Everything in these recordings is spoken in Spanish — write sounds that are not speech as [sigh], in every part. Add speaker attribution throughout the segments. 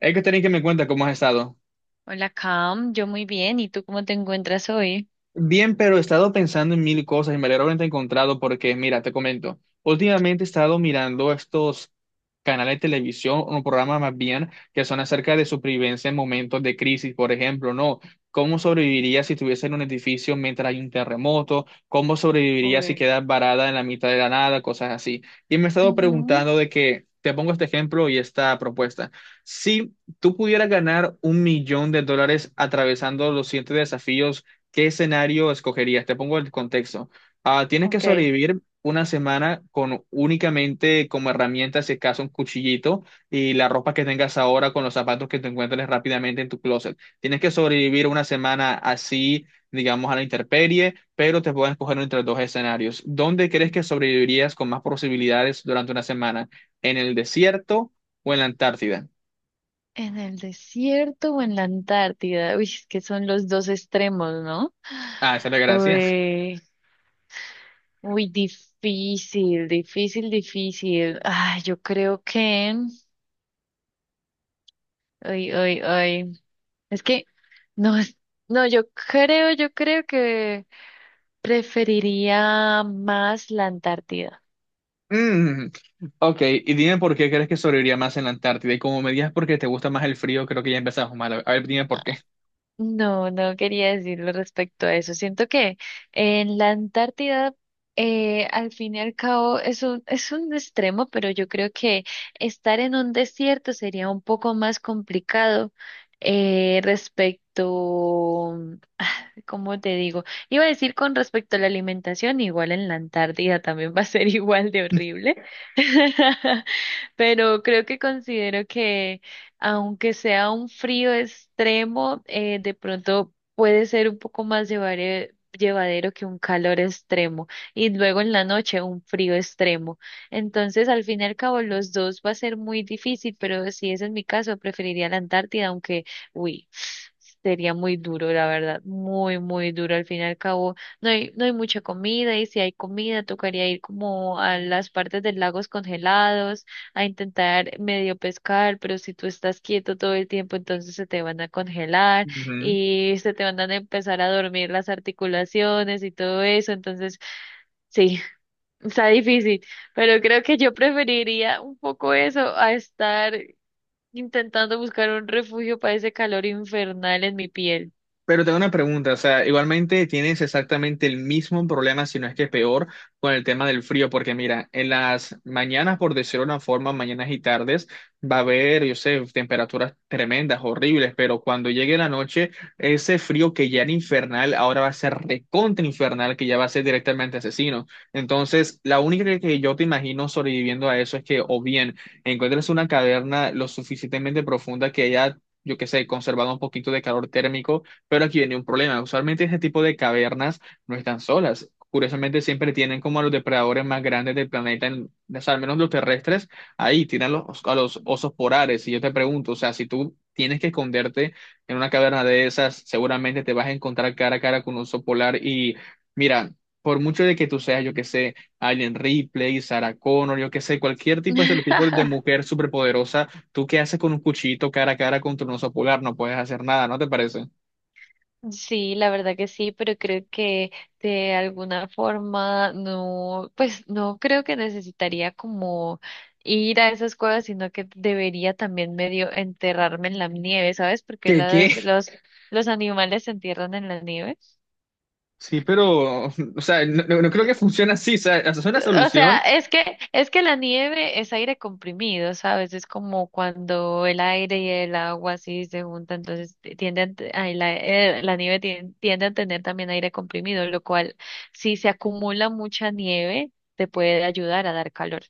Speaker 1: Hay que tener que me cuenta cómo has estado.
Speaker 2: Hola, Cam. Yo muy bien. ¿Y tú cómo te encuentras hoy?
Speaker 1: Bien, pero he estado pensando en mil cosas y me alegro de haberte encontrado porque, mira, te comento, últimamente he estado mirando estos canales de televisión, o programas más bien, que son acerca de supervivencia en momentos de crisis, por ejemplo, ¿no? ¿Cómo sobrevivirías si estuviese en un edificio mientras hay un terremoto? ¿Cómo sobrevivirías si
Speaker 2: Uy.
Speaker 1: quedas varada en la mitad de la nada? Cosas así. Y me he estado
Speaker 2: Ujú.
Speaker 1: preguntando de que, te pongo este ejemplo y esta propuesta. Si tú pudieras ganar un millón de dólares atravesando los siete desafíos, ¿qué escenario escogerías? Te pongo el contexto. Ah, tienes que
Speaker 2: Ok.
Speaker 1: sobrevivir una semana con únicamente como herramienta, si acaso, un cuchillito y la ropa que tengas ahora con los zapatos que te encuentres rápidamente en tu closet. Tienes que sobrevivir una semana así, digamos, a la intemperie, pero te pueden escoger entre dos escenarios. ¿Dónde crees que sobrevivirías con más posibilidades durante una semana? ¿En el desierto o en la Antártida?
Speaker 2: ¿En el desierto o en la Antártida? Uy, es que son los dos extremos, ¿no?
Speaker 1: Ah, esa es la gracia.
Speaker 2: Uy, uy, difícil, difícil, difícil. Ay, yo creo que. Uy, uy, uy. Es que. No, es- no, yo creo que preferiría más la Antártida.
Speaker 1: [laughs] Ok, y dime por qué crees que sobreviviría más en la Antártida. Y como me digas porque te gusta más el frío, creo que ya empezamos mal. A ver, dime por qué.
Speaker 2: No, no quería decirlo respecto a eso. Siento que en la Antártida, al fin y al cabo, es un extremo, pero yo creo que estar en un desierto sería un poco más complicado, respecto. ¿Cómo te digo? Iba a decir con respecto a la alimentación, igual en la Antártida también va a ser [laughs] igual de horrible, [laughs] pero creo que considero que aunque sea un frío extremo, de pronto puede ser un poco más llevadero que un calor extremo y luego en la noche un frío extremo. Entonces, al fin y al cabo, los dos va a ser muy difícil, pero si es en mi caso, preferiría la Antártida, aunque. Uy, sería muy duro, la verdad, muy, muy duro. Al fin y al cabo, no hay mucha comida y si hay comida, tocaría ir como a las partes de lagos congelados a intentar medio pescar, pero si tú estás quieto todo el tiempo, entonces se te van a congelar y se te van a empezar a dormir las articulaciones y todo eso. Entonces, sí, [laughs] está difícil, pero creo que yo preferiría un poco eso a estar intentando buscar un refugio para ese calor infernal en mi piel.
Speaker 1: Pero tengo una pregunta, o sea, igualmente tienes exactamente el mismo problema, si no es que peor, con el tema del frío, porque mira, en las mañanas, por decirlo de una forma, mañanas y tardes, va a haber, yo sé, temperaturas tremendas, horribles, pero cuando llegue la noche, ese frío que ya era infernal, ahora va a ser recontra infernal, que ya va a ser directamente asesino. Entonces, la única que yo te imagino sobreviviendo a eso es que o bien encuentres una caverna lo suficientemente profunda que haya, yo qué sé, conservado un poquito de calor térmico, pero aquí viene un problema. Usualmente ese tipo de cavernas no están solas. Curiosamente siempre tienen como a los depredadores más grandes del planeta, o sea, al menos los terrestres, ahí tienen a los osos polares. Y yo te pregunto, o sea, si tú tienes que esconderte en una caverna de esas, seguramente te vas a encontrar cara a cara con un oso polar. Y mira, por mucho de que tú seas, yo que sé, Alien Ripley, Sarah Connor, yo que sé, cualquier tipo de estereotipo de
Speaker 2: [laughs]
Speaker 1: mujer superpoderosa, ¿tú qué haces con un cuchillito cara a cara contra un oso polar? No puedes hacer nada, ¿no te parece?
Speaker 2: Sí, la verdad que sí, pero creo que de alguna forma no, pues no creo que necesitaría como ir a esas cuevas, sino que debería también medio enterrarme en la nieve, ¿sabes? Porque
Speaker 1: ¿Qué, qué?
Speaker 2: los animales se entierran en la nieve.
Speaker 1: Sí, pero, o sea, no, no creo que funcione así, o sea, esa es una
Speaker 2: O sea,
Speaker 1: solución,
Speaker 2: es que la nieve es aire comprimido, ¿sabes? Es como cuando el aire y el agua así se juntan, entonces tienden, ay, la nieve tiende a tener también aire comprimido, lo cual, si se acumula mucha nieve, te puede ayudar a dar calor.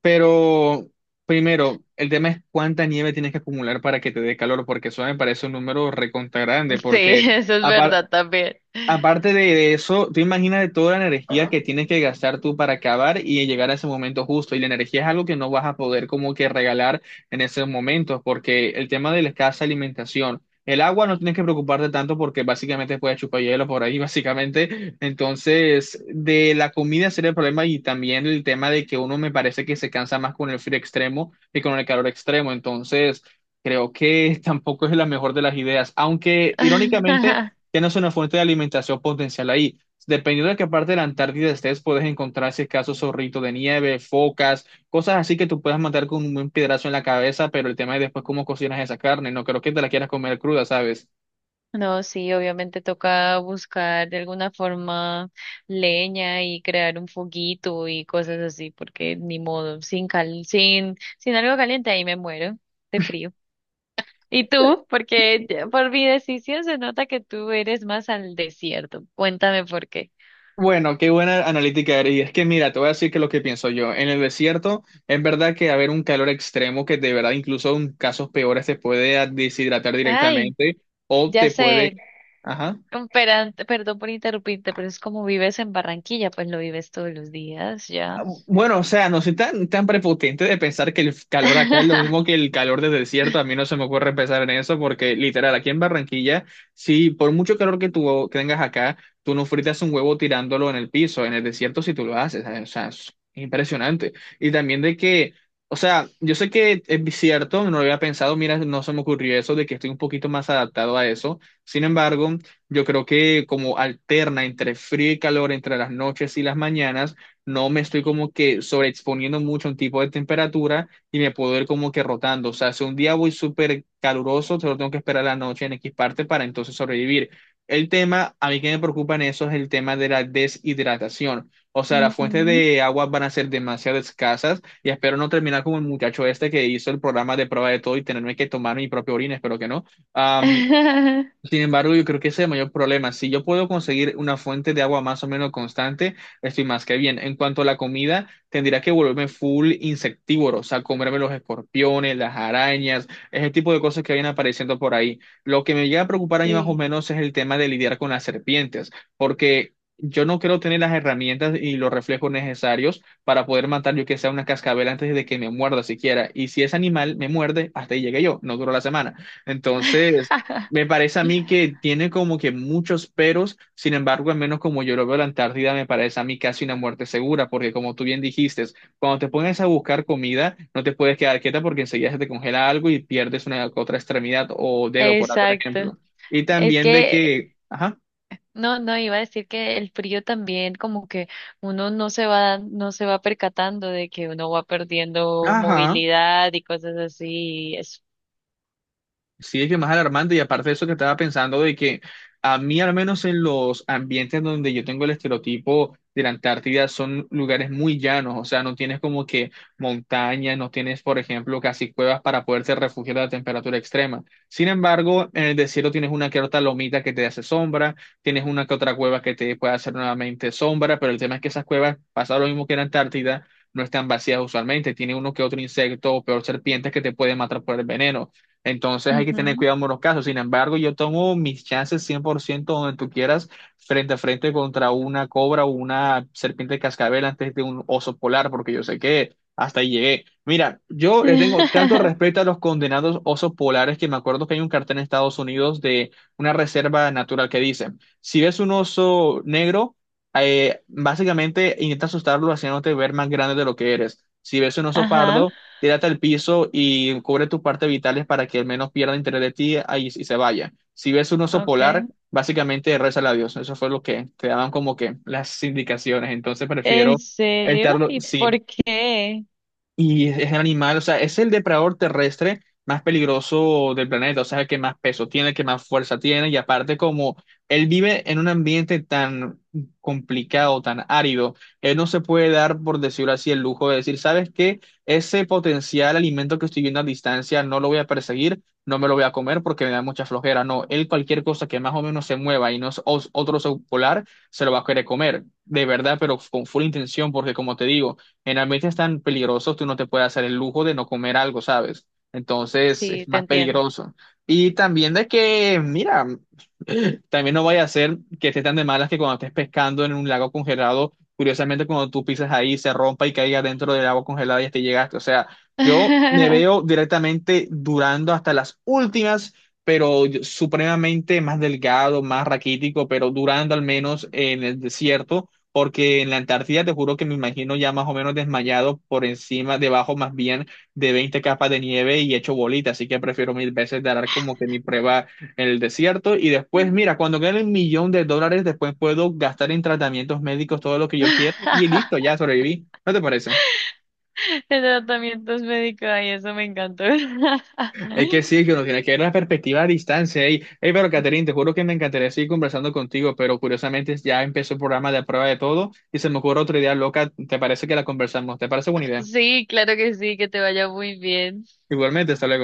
Speaker 1: pero primero, el tema es cuánta nieve tienes que acumular para que te dé calor, porque eso me parece un número recontra grande,
Speaker 2: Sí,
Speaker 1: porque
Speaker 2: [laughs] eso es
Speaker 1: apar-
Speaker 2: verdad también.
Speaker 1: aparte de eso, tú imaginas toda la energía que tienes que gastar tú para acabar y llegar a ese momento justo. Y la energía es algo que no vas a poder como que regalar en esos momentos, porque el tema de la escasa alimentación, el agua no tienes que preocuparte tanto porque básicamente puedes chupar hielo por ahí, [laughs] básicamente. Entonces, de la comida sería el problema y también el tema de que uno me parece que se cansa más con el frío extremo que con el calor extremo. Entonces, creo que [laughs] tampoco es la mejor de las ideas, aunque irónicamente
Speaker 2: [laughs]
Speaker 1: tienes una fuente de alimentación potencial ahí. Dependiendo de qué parte de la Antártida estés, puedes encontrar si es caso zorrito de nieve, focas, cosas así que tú puedas matar con un buen piedrazo en la cabeza, pero el tema es después cómo cocinas esa carne. No creo que te la quieras comer cruda, ¿sabes?
Speaker 2: No, sí, obviamente toca buscar de alguna forma leña y crear un foguito y cosas así, porque ni modo, sin cal, sin algo caliente ahí me muero de frío. ¿Y tú? Porque ya por mi decisión se nota que tú eres más al desierto. Cuéntame por qué.
Speaker 1: Bueno, qué buena analítica, Ari. Es que mira, te voy a decir que lo que pienso yo. En el desierto, es verdad que haber un calor extremo que de verdad incluso en casos peores te puede deshidratar
Speaker 2: Ay,
Speaker 1: directamente o
Speaker 2: ya
Speaker 1: te puede...
Speaker 2: sé,
Speaker 1: Ajá.
Speaker 2: perdón por interrumpirte, pero es como vives en Barranquilla, pues lo vives todos los días,
Speaker 1: Ah,
Speaker 2: ya.
Speaker 1: bueno, o sea, no soy tan, tan prepotente de pensar que el calor acá es lo mismo que
Speaker 2: [laughs]
Speaker 1: el calor del desierto. A mí no se me ocurre pensar en eso porque, literal, aquí en Barranquilla, si por mucho calor que tú tengas acá, tú no fritas un huevo tirándolo en el piso. En el desierto, si tú lo haces, ¿sabes? O sea, es impresionante. Y también de que, o sea, yo sé que es cierto, no lo había pensado, mira, no se me ocurrió eso, de que estoy un poquito más adaptado a eso. Sin embargo, yo creo que como alterna entre frío y calor, entre las noches y las mañanas, no me estoy como que sobreexponiendo mucho a un tipo de temperatura y me puedo ir como que rotando. O sea, si un día voy súper caluroso, solo tengo que esperar la noche en X parte para entonces sobrevivir. El tema, a mí que me preocupa en eso es el tema de la deshidratación. O sea, las fuentes
Speaker 2: Ujú.
Speaker 1: de agua van a ser demasiado escasas y espero no terminar como el muchacho este que hizo el programa de prueba de todo y tenerme que tomar mi propia orina, espero que no. Am,
Speaker 2: [laughs]
Speaker 1: Sin embargo, yo creo que ese es el mayor problema. Si yo puedo conseguir una fuente de agua más o menos constante, estoy más que bien. En cuanto a la comida, tendría que volverme full insectívoro, o sea, comerme los escorpiones, las arañas, ese tipo de cosas que vienen apareciendo por ahí. Lo que me llega a preocupar a mí más o
Speaker 2: Sí,
Speaker 1: menos es el tema de lidiar con las serpientes, porque yo no creo tener las herramientas y los reflejos necesarios para poder matar yo que sea una cascabel antes de que me muerda siquiera. Y si ese animal me muerde, hasta ahí llegué yo, no duró la semana. Entonces, me parece a mí que tiene como que muchos peros, sin embargo, al menos como yo lo veo, la Antártida me parece a mí casi una muerte segura, porque como tú bien dijiste, cuando te pones a buscar comida, no te puedes quedar quieta porque enseguida se te congela algo y pierdes una otra extremidad o dedo, por otro
Speaker 2: exacto.
Speaker 1: ejemplo. Y
Speaker 2: Es
Speaker 1: también de
Speaker 2: que
Speaker 1: que, ajá,
Speaker 2: no, no iba a decir que el frío también como que uno no se va percatando de que uno va perdiendo
Speaker 1: ajá.
Speaker 2: movilidad y cosas así y eso.
Speaker 1: Sí, es que más alarmante y aparte de eso que estaba pensando de que a mí al menos en los ambientes donde yo tengo el estereotipo de la Antártida son lugares muy llanos, o sea, no tienes como que montañas, no tienes, por ejemplo, casi cuevas para poderte refugiar de la temperatura extrema. Sin embargo, en el desierto tienes una que otra lomita que te hace sombra, tienes una que otra cueva que te puede hacer nuevamente sombra, pero el tema es que esas cuevas, pasa lo mismo que en la Antártida, no están vacías usualmente, tiene uno que otro insecto o peor serpientes que te pueden matar por el veneno. Entonces hay que tener
Speaker 2: Ujú.
Speaker 1: cuidado en los casos. Sin embargo, yo tomo mis chances 100% donde tú quieras, frente a frente contra una cobra o una serpiente de cascabel antes de un oso polar, porque yo sé que hasta ahí llegué. Mira, yo le tengo tanto
Speaker 2: [laughs]
Speaker 1: respeto a los condenados osos polares que me acuerdo que hay un cartel en Estados Unidos de una reserva natural que dice, si ves un oso negro, básicamente intenta asustarlo haciéndote ver más grande de lo que eres. Si ves un oso
Speaker 2: Ajá,
Speaker 1: pardo, tírate al piso y cubre tus partes vitales para que al menos pierda interés de ti ahí y se vaya. Si ves un oso polar,
Speaker 2: okay.
Speaker 1: básicamente rézale a Dios. Eso fue lo que te daban como que las indicaciones. Entonces
Speaker 2: ¿En
Speaker 1: prefiero
Speaker 2: serio?
Speaker 1: estarlo,
Speaker 2: ¿Y por
Speaker 1: sí,
Speaker 2: qué?
Speaker 1: y es el animal, o sea, es el depredador terrestre más peligroso del planeta, o sea, el que más peso tiene, el que más fuerza tiene, y aparte como él vive en un ambiente tan complicado, tan árido, él no se puede dar, por decirlo así, el lujo de decir, ¿sabes qué? Ese potencial alimento que estoy viendo a distancia no lo voy a perseguir, no me lo voy a comer porque me da mucha flojera, no, él cualquier cosa que más o menos se mueva y no es otro oso polar, se lo va a querer comer, de verdad, pero con full intención, porque como te digo, en ambientes tan peligrosos, tú no te puedes hacer el lujo de no comer algo, ¿sabes? Entonces,
Speaker 2: Sí,
Speaker 1: es
Speaker 2: te
Speaker 1: más
Speaker 2: entiendo.
Speaker 1: peligroso. Y también de que, mira, también no vaya a ser que estés tan de malas que cuando estés pescando en un lago congelado, curiosamente cuando tú pisas ahí se rompa y caiga dentro del agua congelada y hasta ahí llegaste. O sea, yo me veo
Speaker 2: [laughs]
Speaker 1: directamente durando hasta las últimas, pero supremamente más delgado, más raquítico, pero durando al menos en el desierto. Porque en la Antártida te juro que me imagino ya más o menos desmayado por encima, debajo más bien de 20 capas de nieve y hecho bolita, así que prefiero mil veces dar como que mi prueba en el desierto y después, mira, cuando gane el millón de dólares, después puedo gastar en tratamientos médicos todo lo que yo quiero y listo, ya sobreviví. ¿No te parece?
Speaker 2: De tratamientos médicos, ay, eso me encantó. [laughs]
Speaker 1: Es que sí, que uno tiene que ver la perspectiva a distancia. Ey, Ey, pero Catherine, te juro que me encantaría seguir conversando contigo, pero curiosamente ya empezó el programa de prueba de todo y se me ocurre otra idea loca. ¿Te parece que la conversamos? ¿Te parece buena idea?
Speaker 2: Sí, claro que sí, que te vaya muy bien.
Speaker 1: Igualmente, hasta luego.